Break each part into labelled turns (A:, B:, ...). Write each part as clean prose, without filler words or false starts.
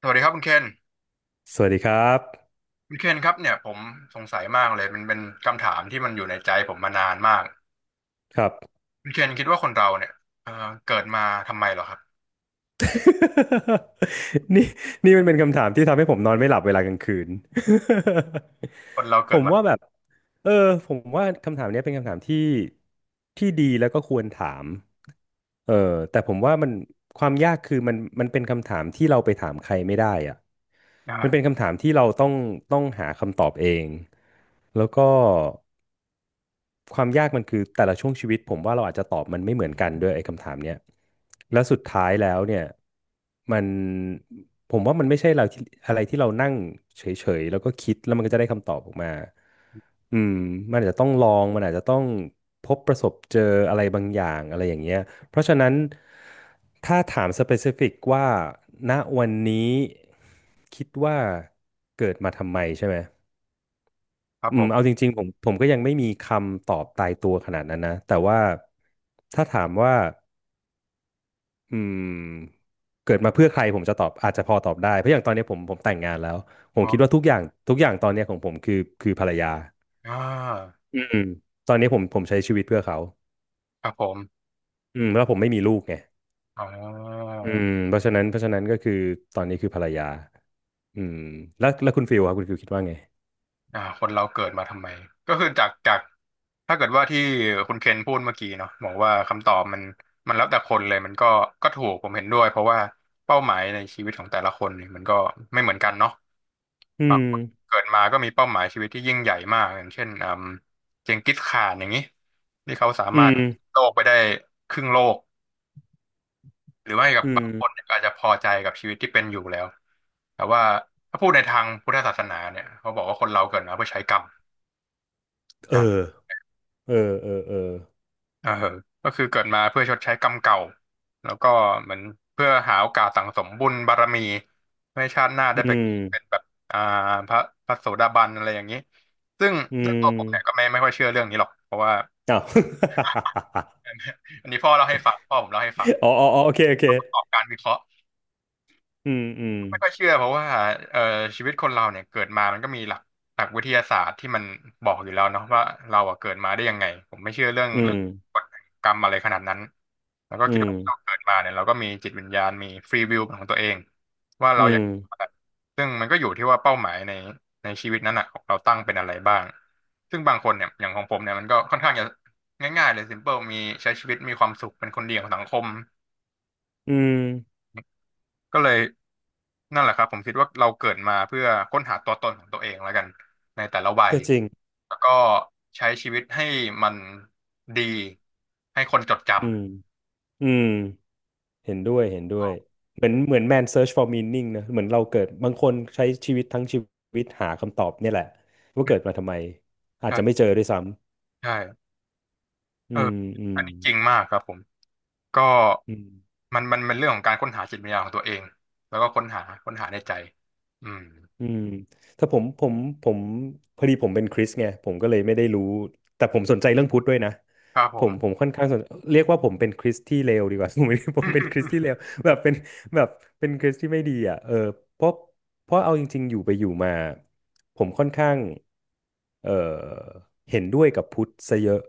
A: สวัสดีครับคุณเคน
B: สวัสดีครับ
A: คุณเคนครับเนี่ยผมสงสัยมากเลยมันเป็นคำถามที่มันอยู่ในใจผมมานานมาก
B: ครับ
A: คุณเคนคิดว่าคนเราเนี่ยเอ่อเกิดมาทำไมเหรอครับ
B: นี่นี่มันเป็นคำถามที่ทำให้ผมนอนไม่หลับเวลากลางคืน
A: คนเรา
B: ผ
A: เกิด
B: ม
A: มา
B: ว่าแบบเออผมว่าคำถามเนี้ยเป็นคำถามที่ดีแล้วก็ควรถามเออแต่ผมว่ามันความยากคือมันเป็นคำถามที่เราไปถามใครไม่ได้อะมันเป็
A: อ่า
B: นคำถามที่เราต้องหาคำตอบเองแล้วก็ ความยากมันคือแต่ละช่วงชีวิตผมว่าเราอาจจะตอบมันไม่เหมือนกันด้วยไอ้คำถามเนี้ยแล้วสุดท้ายแล้วเนี่ยมันผมว่ามันไม่ใช่เราที่อะไรที่เรานั่งเฉยๆแล้วก็คิดแล้วมันก็จะได้คำตอบออกมาอืมมันอาจจะต้องลองมันอาจจะต้องพบประสบเจออะไรบางอย่างอะไรอย่างเงี้ยเพราะฉะนั้นถ้าถาม specific ว่าณวันนี้คิดว่าเกิดมาทำไมใช่ไหม
A: ครับ
B: อื
A: ผ
B: มเอาจ
A: ม
B: ริงๆผมก็ยังไม่มีคำตอบตายตัวขนาดนั้นนะแต่ว่าถ้าถามว่าอืมเกิดมาเพื่อใครผมจะตอบอาจจะพอตอบได้เพราะอย่างตอนนี้ผมแต่งงานแล้วผม
A: อ๋
B: คิดว่า
A: อ
B: ทุกอย่างตอนนี้ของผมคือคือภรรยา
A: อ่า
B: อืมตอนนี้ผมใช้ชีวิตเพื่อเขา
A: ครับผม
B: อืมแล้วผมไม่มีลูกไง
A: อ๋
B: อืม
A: อ
B: เพราะฉะนั้นเพราะฉะนั้นก็คือตอนนี้คือภรรยาอืมแล้วคุณฟิลครับคุณฟิลคิดว่าไง
A: อ่าคนเราเกิดมาทำไมก็คือจากถ้าเกิดว่าที่คุณเคนพูดเมื่อกี้เนาะบอกว่าคำตอบมันแล้วแต่คนเลยมันก็ก็ถูกผมเห็นด้วยเพราะว่าเป้าหมายในชีวิตของแต่ละคนเนี่ยมันก็ไม่เหมือนกันเนาะ
B: อื
A: บาง
B: ม
A: คนเกิดมาก็มีเป้าหมายชีวิตที่ยิ่งใหญ่มากอย่างเช่นอืมเจงกิสข่านอย่างนี้ที่เขาสา
B: อื
A: มารถ
B: ม
A: โลกไปได้ครึ่งโลกหรือไม่กับ
B: อื
A: บางคนเนี่
B: ม
A: ยก็อาจจะพอใจกับชีวิตที่เป็นอยู่แล้วแต่ว่าถ้าพูดในทางพุทธศาสนาเนี่ยเขาบอกว่าคนเราเกิดมาเพื่อใช้กรรม
B: เออเออเออเออ
A: เออก็คือเกิดมาเพื่อชดใช้กรรมเก่า แล้วก็เหมือนเพื่อหาโอกาสสั่งสมบุญบารมีเพื่อให้ชาติหน้าได้
B: อื
A: ไป
B: ม
A: เป็นแบบอ่าพระพระโสดาบันอะไรอย่างนี้ ซึ่ง
B: อื
A: เรื่องตัวผมเนี่ยก็
B: ม
A: ไม่ค่อยเชื่อเรื่องนี้หรอก เพราะว่า
B: อ้าว
A: อันนี้พ่อเล่าให้ฟังพ่อผมเล่าให้ฟัง
B: อ๋ออ๋ออ๋อโอเคโอเค
A: ประกอบการวิเคราะห์
B: อืมอืม
A: ไม่ค่อยเชื่อเพราะว่าเอ่อชีวิตคนเราเนี่ยเกิดมามันก็มีหลักวิทยาศาสตร์ที่มันบอกอยู่แล้วเนาะว่าเราอะเกิดมาได้ยังไงผมไม่เชื่อเรื่อง
B: อื
A: เรื่อ
B: ม
A: งกฎกรรมอะไรขนาดนั้นแล้วก็
B: อื
A: คิด
B: ม
A: ว่าเราเกิดมาเนี่ยเราก็มีจิตวิญญาณมีฟรีวิลของตัวเองว่า
B: อื
A: เราอ
B: ม
A: ยากซึ่งมันก็อยู่ที่ว่าเป้าหมายในชีวิตนั้นอะของเราตั้งเป็นอะไรบ้างซึ่งบางคนเนี่ยอย่างของผมเนี่ยมันก็ค่อนข้างจะง่ายๆเลย simple มีใช้ชีวิตมีความสุขเป็นคนดีของสังคม
B: อืม
A: ก็เลยนั่นแหละครับผมคิดว่าเราเกิดมาเพื่อค้นหาตัวตนของตัวเองแล้วกันในแต่ละวัย
B: ก็จริง
A: แล้วก็ใช้ชีวิตให้มันดีให้คนจด
B: อืม
A: จำ
B: อืมเห็นด้วย เห็นด้วย เหมือนเหมือน man search for meaning นะ เหมือนเราเกิดบางคนใช้ชีวิตทั้งชีวิตหาคำตอบเนี่ยแหละว่าเกิดมาทำไมอาจจะไม่เจ
A: ใช่
B: อด้วยซ้
A: ใช่
B: ำ อื
A: เออ
B: ม อืม
A: อันนี้จริงมากครับผมก็
B: อืม
A: มันเป็นเรื่องของการค้นหาจิตวิญญาณของตัวเองแล้วก็ค้นหาในใจอืม
B: อืมถ้าผมพอดีผมเป็นคริสต์ไงผมก็เลยไม่ได้รู้แต่ผมสนใจเรื่องพุทธด้วยนะ
A: ครับผ
B: ผ
A: ม
B: มผมค่อนข้างสนเรียกว่าผมเป็นคริสต์ที่เลวดีกว่า ผมไม่ได้ผมเป็นคริสต์ที่เล วแบบเป็นแบบเป็นคริสต์ที่ไม่ดีอ่ะเพราะเอาจริงๆอยู่ไปอยู่มาผมค่อนข้างเออเห็นด้วยกับพุทธซะเยอะ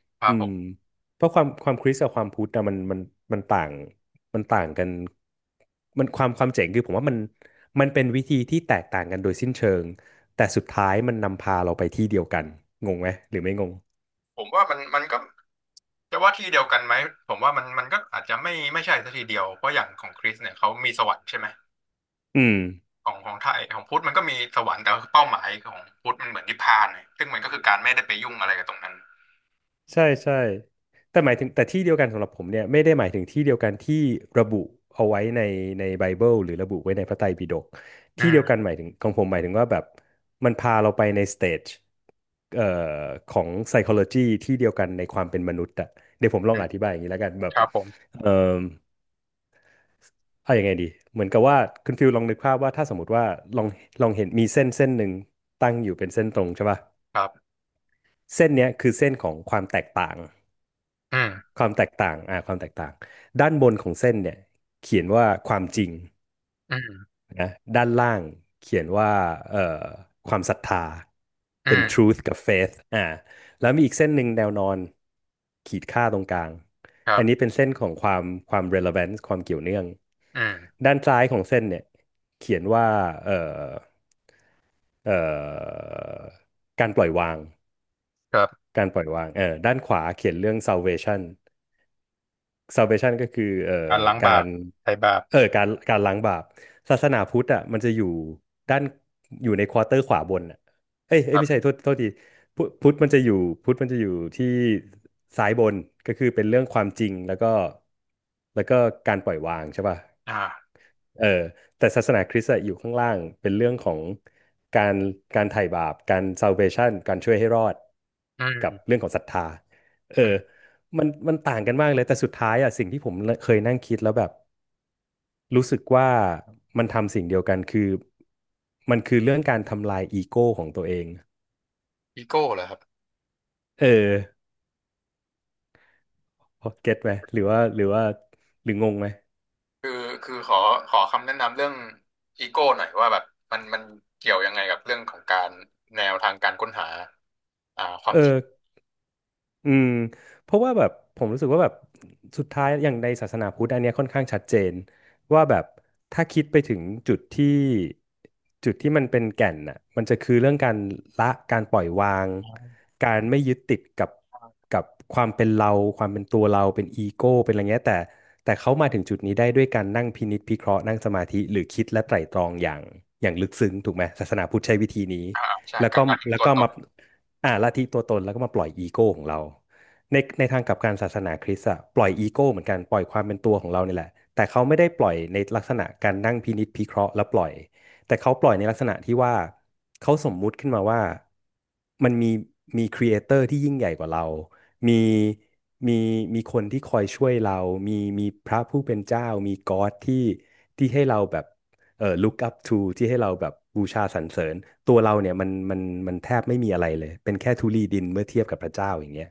A: ครั
B: อื
A: บผ
B: ม
A: ม
B: เพราะความความคริสต์กับความพุทธอะมันมันต่างมันต่างกันมันความความเจ๋งคือผมว่ามันมันเป็นวิธีที่แตกต่างกันโดยสิ้นเชิงแต่สุดท้ายมันนำพาเราไปที่เดียวกันงงไหมหรือไม่งง
A: ผมว่ามันมันก็ จะว่าที่เดียวกันไหมผมว่ามันมันก็อาจจะไม่ใช่ซะทีเดียวเพราะอย่างของคริสเนี่ยเขามีสวรรค์ใช่ไหม
B: อืม
A: ของของไทยของพุทธมันก็มีสวรรค์แต่ว่าเป้าหมายของพุทธมันเหมือนนิพพานเลียซึ่งมันก็คือการไม่ได้ไปยุ่งอะไรกับตรงนั้น
B: ใช่ใช่แต่หมายถึงแต่ที่เดียวกันสำหรับผมเนี่ยไม่ได้หมายถึงที่เดียวกันที่ระบุเอาไว้ในไบเบิลหรือระบุไว้ในพระไตรปิฎก
A: อื
B: ที่เดียวกั
A: ม
B: นหมายถึงของผมหมายถึงว่าแบบมันพาเราไปในสเตจเอ่อของ psychology ที่เดียวกันในความเป็นมนุษย์อะเดี๋ยวผมลอ
A: อื
B: งอ
A: ม
B: ธิบายอย่างนี้แล้วกันแบบ
A: ครับผม
B: เอ่อเอายังไงดีเหมือนกับว่าคุณฟิลลองนึกภาพว่าถ้าสมมติว่าลองเห็นมีเส้นหนึ่งตั้งอยู่เป็นเส้นตรงใช่ป่ะ
A: ครับ
B: เส้นเนี้ยคือเส้นของความแตกต่าง
A: อืม
B: ความแตกต่างอ่าความแตกต่างด้านบนของเส้นเนี่ยเขียนว่าความจริง
A: อืม
B: นะด้านล่างเขียนว่าเอ่อความศรัทธา
A: อื
B: เป็น
A: ม
B: truth กับ faith อ่าแล้วมีอีกเส้นหนึ่งแนวนอนขีดค่าตรงกลาง
A: ครั
B: อันนี้เป็
A: บ
B: นเส้นของความrelevance ความเกี่ยวเนื่อง
A: อืม
B: ด้านซ้ายของเส้นเนี่ยเขียนว่าเอ่อเอ่อการปล่อยวาง
A: ครับ
B: การปล่อยวางเออด้านขวาเขียนเรื่อง salvation salvation ก็คือ
A: การล้าง
B: กา
A: บาป
B: ร
A: ไถ่บาป
B: การการล้างบาปศาสนาพุทธอ่ะมันจะอยู่ด้านอยู่ในควอเตอร์ขวาบนอ่ะเอ้ย
A: ค
B: เอ้ย
A: รั
B: ไม่ใช่โท
A: บ
B: ษโทษทีพุทธมันจะอยู่พุทธมันจะอยู่ที่ซ้ายบน ก็คือเป็นเรื่องความจริงแล้วก็แล้วก็การปล่อยวางใช่ป่ะ
A: อ่า
B: เออแต่ศาสนาคริสต์อะอยู่ข้างล่างเป็นเรื่องของการการไถ่บาปการ salvation การช่วยให้รอด
A: อื
B: กับ
A: ม
B: เรื่องของศรัทธาเออ
A: อืม
B: มันมันต่างกันมากเลยแต่สุดท้ายอะสิ่งที่ผมเคยนั่งคิดแล้วแบบรู้สึกว่ามันทำสิ่งเดียวกันคือมันคือเรื่องการทำลายอีโก้ของตัวเอง
A: อีโก้เหรอครับ
B: เออเก็ตไหมหรือว่าหรืองงไหม
A: คือคือขอขอคำแนะนำเรื่องอีโก้หน่อยว่าแบบมันมันเกี่ยวยังไงกับเรื่องของการแนวทางการค้นหาอ่าความ
B: เอ
A: จริง
B: อ อืมเพราะว่าแบบผมรู้สึกว่าแบบสุดท้ายอย่างในศาสนาพุทธอันเนี้ยค่อนข้างชัดเจนว่าแบบถ้าคิดไปถึงจุดที่จุดที่มันเป็นแก่นน่ะมันจะคือเรื่องการละการปล่อยวางการไม่ยึดติดกับความเป็นเราความเป็นตัวเราเป็นอีโก้เป็นอะไรเงี้ยแต่เขามาถึงจุดนี้ได้ด้วยการนั่งพินิจพิเคราะห์นั่งสมาธิหรือคิดและไตร่ตรองอย่างลึกซึ้งถูกไหมศาสนาพุทธใช้วิธีนี้
A: อ่าใช่
B: แล้ว
A: กา
B: ก็
A: รลาทิ้ง
B: แล้ว
A: ตัว
B: ก็
A: ต
B: มา
A: น
B: อ่าละทีงตัวตนแล้วก็มาปล่อยอีโก้ของเราในทางกลับกันศาสนาคริสต์อะปล่อยอีโก้เหมือนกันปล่อยความเป็นตัวของเราเนี่ยแหละแต่เขาไม่ได้ปล่อยในลักษณะการนั่งพินิจพิเคราะห์แล้วปล่อยแต่เขาปล่อยในลักษณะที่ว่าเขาสมมุติขึ้นมาว่ามันมีครีเอเตอร์ที่ยิ่งใหญ่กว่าเรามีมีมีคนที่คอยช่วยเรา มีมีพระผู้เป็นเจ้ามีก็อดที่ที่ให้เราแบบ look up to ที่ให้เราแบบบูชาสรรเสริญตัวเราเนี่ยมันแทบไม่มีอะไรเลยเป็นแค่ธุลีดินเมื่อเทียบกับพระเจ้าอย่างเงี้ย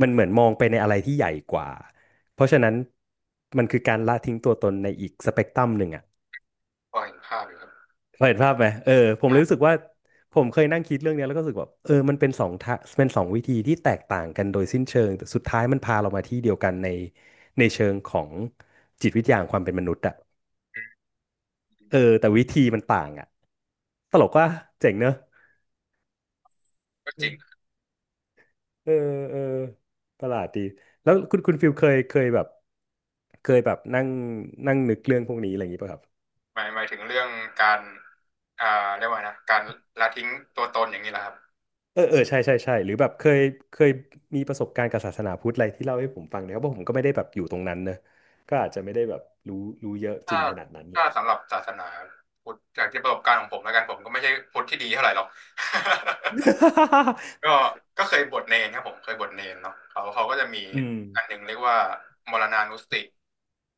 B: มันเหมือนมองไปในอะไรที่ใหญ่กว่าเพราะฉะนั้นมันคือการละทิ้งตัวตนในอีกสเปกตรัมหนึ่งอ่ะ
A: พอเห็นภาพอยู่ครับ
B: พอเห็นภาพไหมเออผมเลยรู้สึกว่าผมเคยนั่งคิดเรื่องเนี้ยแล้วก็รู้สึกแบบเออมันเป็นสองทะเป็นสองวิธีที่แตกต่างกันโดยสิ้นเชิงแต่สุดท้ายมันพาเรามาที่เดียวกันในเชิงของจิตวิทยาของความเป็นมนุษย์อะ เออแต่วิธีมันต่างอ่ะตลกว่าเจ๋งเนอะ
A: ก็จริง
B: เออเออประหลาดดีแล้วคุณฟิลเคยแบบนั่งนั่งนึกเรื่องพวกนี้อะไรอย่างงี้ป่ะครับ
A: หมายถึงเรื่องการอ่าเรียกว่าไงนะการละทิ้งตัวตนอย่างนี้แหละครับ
B: เออเออใช่ใช่ใช่หรือแบบเคยมีประสบการณ์กับศาสนาพุทธอะไรที่เล่าให้ผมฟังเนี่ยเพราะผมก็ไม่ได้แบบอยู่ตรงนั้นเนอะก็อาจจะไม่ได้แบบรู้รู้เยอะจ
A: ถ้า
B: ริงขนาดนั้นเล
A: ถ้า
B: ย
A: สำหรับศาสนาพุทธจากที่ประสบการณ์ของผมแล้วกันผมก็ไม่ใช่พุทธที่ดีเท่าไหร่หรอก ก็ ก็เคยบวชเนรครับผมเคยบวชเนรเนาะเขาก็จะมี
B: อืม
A: อันหนึ่งเรียกว่ามรณานุสติ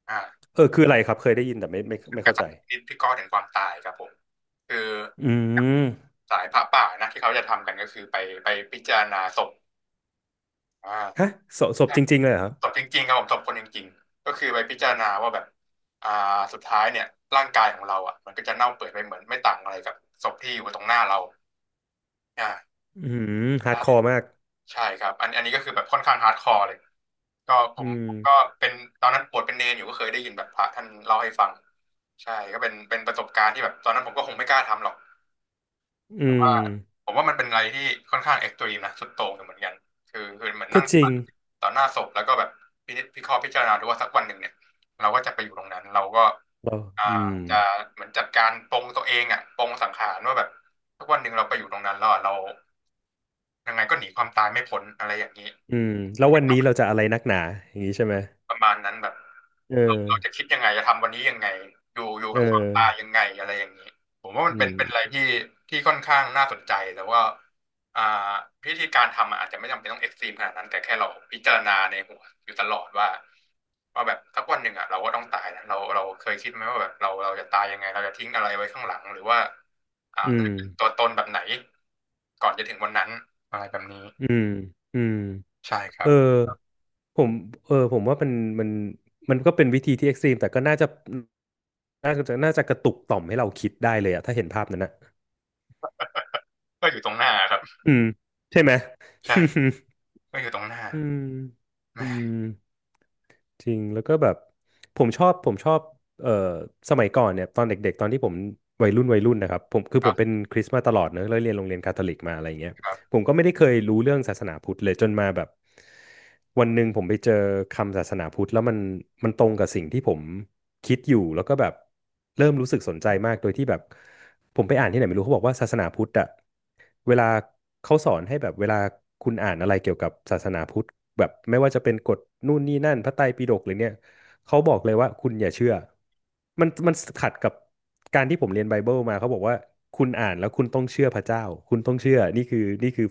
A: อ่า
B: เออคืออะไรครับเคยได้ยินแต่ไม่
A: กา
B: เข้าใจ
A: รพิจารณาถึงความตายครับผมคือ
B: อืม
A: สายพระป่านะที่เขาจะทำกันก็คือไปพิจารณาศพอ่า
B: ฮะศพจริงๆเลยเหรอครับ
A: ตบจริงๆครับผมตบคนจริงๆก็คือไปพิจารณาว่าแบบอ่าสุดท้ายเนี่ยร่างกายของเราอ่ะมันก็จะเน่าเปื่อยไปเหมือนไม่ต่างอะไรกับศพที่อยู่ตรงหน้าเราอ่า
B: อืมฮาร์ดคอร์มาก
A: ใช่ครับอันนี้ก็คือแบบค่อนข้างฮาร์ดคอร์เลยก็ผม
B: อืม
A: ก็เป็นตอนนั้นปวดเป็นเนรอยู่ก็เคยได้ยินแบบพระท่านเล่าให้ฟังใช่ก็เป็นเป็นประสบการณ์ที่แบบตอนนั้นผมก็คงไม่กล้าทำหรอก
B: อื
A: ว่า
B: ม
A: ผมว่ามันเป็นอะไรที่ค่อนข้างเอ็กซ์ตรีมนะสุดโต่งอยู่เหมือนกันคือคือเหมือน
B: ก็
A: นั่ง
B: จริง
A: ต่อหน้าศพแล้วก็แบบพินิจพิเคราะห์พิจารณาดูว่าสักวันหนึ่งเนี่ยเราก็จะไปอยู่ตรงนั้นเราก็
B: เรา
A: อ่า
B: อืม
A: จะเหมือนจัดการปลงตัวเองอ่ะปลงสังขารว่าแบบสักวันหนึ่งเราไปอยู่ตรงนั้นแล้วอะเรายังไงก็หนีความตายไม่พ้นอะไรอย่างนี้
B: อืมแล้ววันนี้เราจะอะไรนักหนาอย่างนี้ใช่ไหม
A: ประมาณนั้นแบบ
B: เอ
A: เราจะคิ
B: อ
A: ดยังไงจะทำวันนี้ยังไงอยู่
B: เอ
A: กับความตาย
B: อ
A: ยังไงอะไรอย่างนี้ผมว่ามั
B: อื
A: นเป็นเป็นอะไร
B: ม
A: ที่ที่ค่อนข้างน่าสนใจแต่ว่าอ่าพิธีการทำอะอาจจะไม่จำเป็นต้องเอ็กซ์ตรีมขนาดนั้นแต่แค่เราพิจารณาในหัวอยู่ตลอดว่าแบบสักวันหนึ่งอ่ะเราก็ต้องตายนะเราเคยคิดไหมว่าแบบเราจะตายยังไงเราจะทิ้งอะไรไว้ข้างหลังหรือว่าอ่า
B: อื
A: เรา
B: ม
A: จะเป็นตัวตนแบบไหนก่อนจะถึงวันนั้นอะไรแบบนี้
B: อืมอืม
A: ใช่ค
B: เอ
A: รั
B: อ
A: บ
B: ผมเออผมว่ามันมันมันก็เป็นวิธีที่เอ็กซ์ตรีมแต่ก็น่าจะน่าจะกระตุกต่อมให้เราคิดได้เลยอะถ้าเห็นภาพนั้นนะ
A: ก็อยู่ตรงหน้าครับ
B: อืมใช่ไหม
A: ใช่ก็อยู่ตรงหน้า
B: อืม
A: แห
B: อืม
A: ม
B: จริงแล้วก็แบบผมชอบเอ่อสมัยก่อนเนี่ยตอนเด็กๆตอนที่ผมวัยรุ่นวัยรุ่นนะครับผมคือผมเป็นคริสต์มาตลอดเนอะแล้วเรียนโรงเรียนคาทอลิกมาอะไรเงี้ย
A: ครับ
B: ผมก็ไม่ได้เคยรู้เรื่องศาสนาพุทธเลยจนมาแบบวันหนึ่งผมไปเจอคำศาสนาพุทธแล้วมันตรงกับสิ่งที่ผมคิดอยู่แล้วก็แบบเริ่มรู้สึกสนใจมากโดยที่แบบผมไปอ่านที่ไหนไม่รู้เขาบอกว่าศาสนาพุทธอะเวลาเขาสอนให้แบบเวลาคุณอ่านอะไรเกี่ยวกับศาสนาพุทธแบบไม่ว่าจะเป็นกฎนู่นนี่นั่นพระไตรปิฎกหรือเนี่ย เขาบอกเลยว่าคุณอย่าเชื่อ มันขัดกับการที่ผมเรียนไบเบิลมาเขาบอกว่าคุณอ่านแล้วคุณต้องเชื่อพระเจ้าคุณต้องเชื่อนี่คือ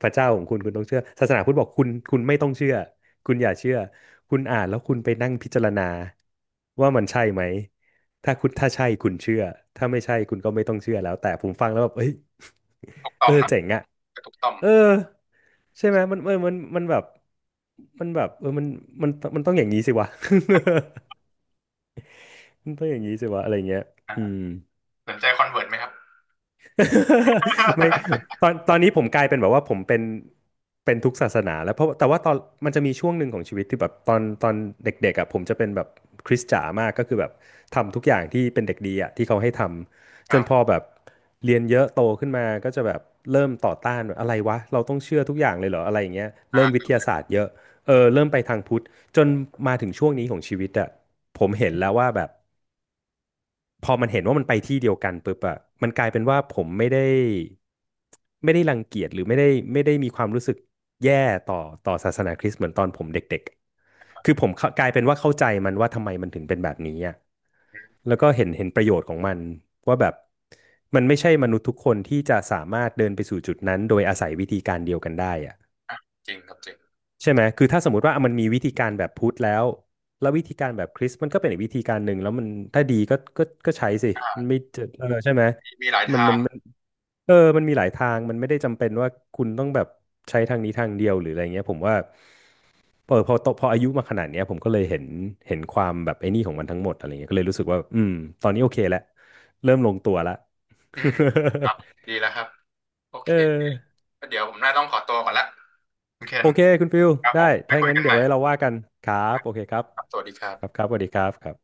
B: พระเจ้าของคุณคุณต้องเชื่อศาสนาพุทธบอกคุณคุณไม่ต้องเชื่อคุณอย่าเชื่อคุณอ่านแล้วคุณไปนั่งพิจารณาว่ามันใช่ไหมถ้าใช่คุณเชื่อถ้าไม่ใช่คุณก็ไม่ต้องเชื่อแล้วแต่ผมฟังแล้วแบบเอ้ย
A: ทุก ต่
B: เอ
A: อ
B: อ
A: มเนอะ
B: เจ๋งอะ
A: กระทุกต่อม
B: เออใช่ไหมมันเออมันมันแบบมันแบบเออมันมันมันต้องอย่างนี้สิวะ มันต้องอย่างนี้สิวะอะไรเงี้ย
A: อ่า
B: อืม
A: สนใจคอนเวิร์ตไหมครับ
B: ไม่ตอนนี้ผมกลายเป็นแบบว่าผมเป็นทุกศาสนาแล้วเพราะแต่ว่าตอนมันจะมีช่วงหนึ่งของชีวิตที่แบบตอนเด็กๆอ่ะผมจะเป็นแบบคริสจ๋ามากก็คือแบบทำทุกอย่างที่เป็นเด็กดีอ่ะที่เขาให้ท
A: ค
B: ำจ
A: รั
B: น
A: บ
B: พอแบบเรียนเยอะโตขึ้นมาก็จะแบบเริ่มต่อต้านแบบอะไรวะเราต้องเชื่อทุกอย่างเลยเหรออะไรอย่างเงี้ย
A: อ่
B: เริ่มวิ
A: า
B: ทยาศาสตร์เยอะเออเริ่มไปทางพุทธจนมาถึงช่วงนี้ของชีวิตอ่ะผมเห็นแล้วว่าแบบ พอมันเห็นว่ามันไปที่เดียวกันปุ๊บอะมันกลายเป็นว่าผมไม่ได้ไม่ได้รังเกียจหรือไม่ได้มีความรู้สึกแย่ต่อต่อศาสนาคริสต์เหมือนตอนผมเด็กๆ คือผมเข้ากลายเป็นว่าเข้าใจมันว่าทำไมมันถึงเป็นแบบนี้อะแล้วก็เห็นประโยชน์ของมันว่าแบบมันไม่ใช่มนุษย์ทุกคนที่จะสามารถเดินไปสู่จุดนั้นโดยอาศัยวิธีการเดียวกันได้อะ
A: จริงครับจริง
B: ใช่ไหมคือถ้าสมมติว่ามันมีวิธีการแบบพุทธแล้วแล้ววิธีการแบบคริสต์มันก็เป็นอีกวิธีการหนึ่งแล้วมันถ้าดีก็ก็ใช้สิมันไม่จะเออใช่ไหม
A: มีมีหลาย
B: มัน
A: ทา
B: มั
A: ง
B: นมันเออมันมีหลายทางมันไม่ได้จำเป็นว่าคุณต้องแบบใช้ทางนี้ทางเดียวหรืออะไรเงี้ยผมว่าเออพออายุมาขนาดเนี้ยผมก็เลยเห็นความแบบไอ้นี่ของมันทั้งหมดอะไรเงี้ยก็เลยรู้สึกว่าอืมตอนนี้โอเคแล้วเริ่มลงตัวละ
A: อืมครับดี แล้วครับโอเค
B: เออ
A: ก็เดี๋ยวผมน่าต้องขอตัวก่อนละคุณเค
B: โอ
A: น
B: เคคุณฟิล
A: ครับ
B: ได้
A: ผมไป
B: ถ้าอย่า
A: คุ
B: ง
A: ย
B: นั้น
A: กัน
B: เดี๋
A: ให
B: ยว
A: ม่
B: ไว้เราว่ากันครับโอเคครับ
A: ครับสวัสดีครั
B: ครับ
A: บ
B: ครับสวัสดีครับครับ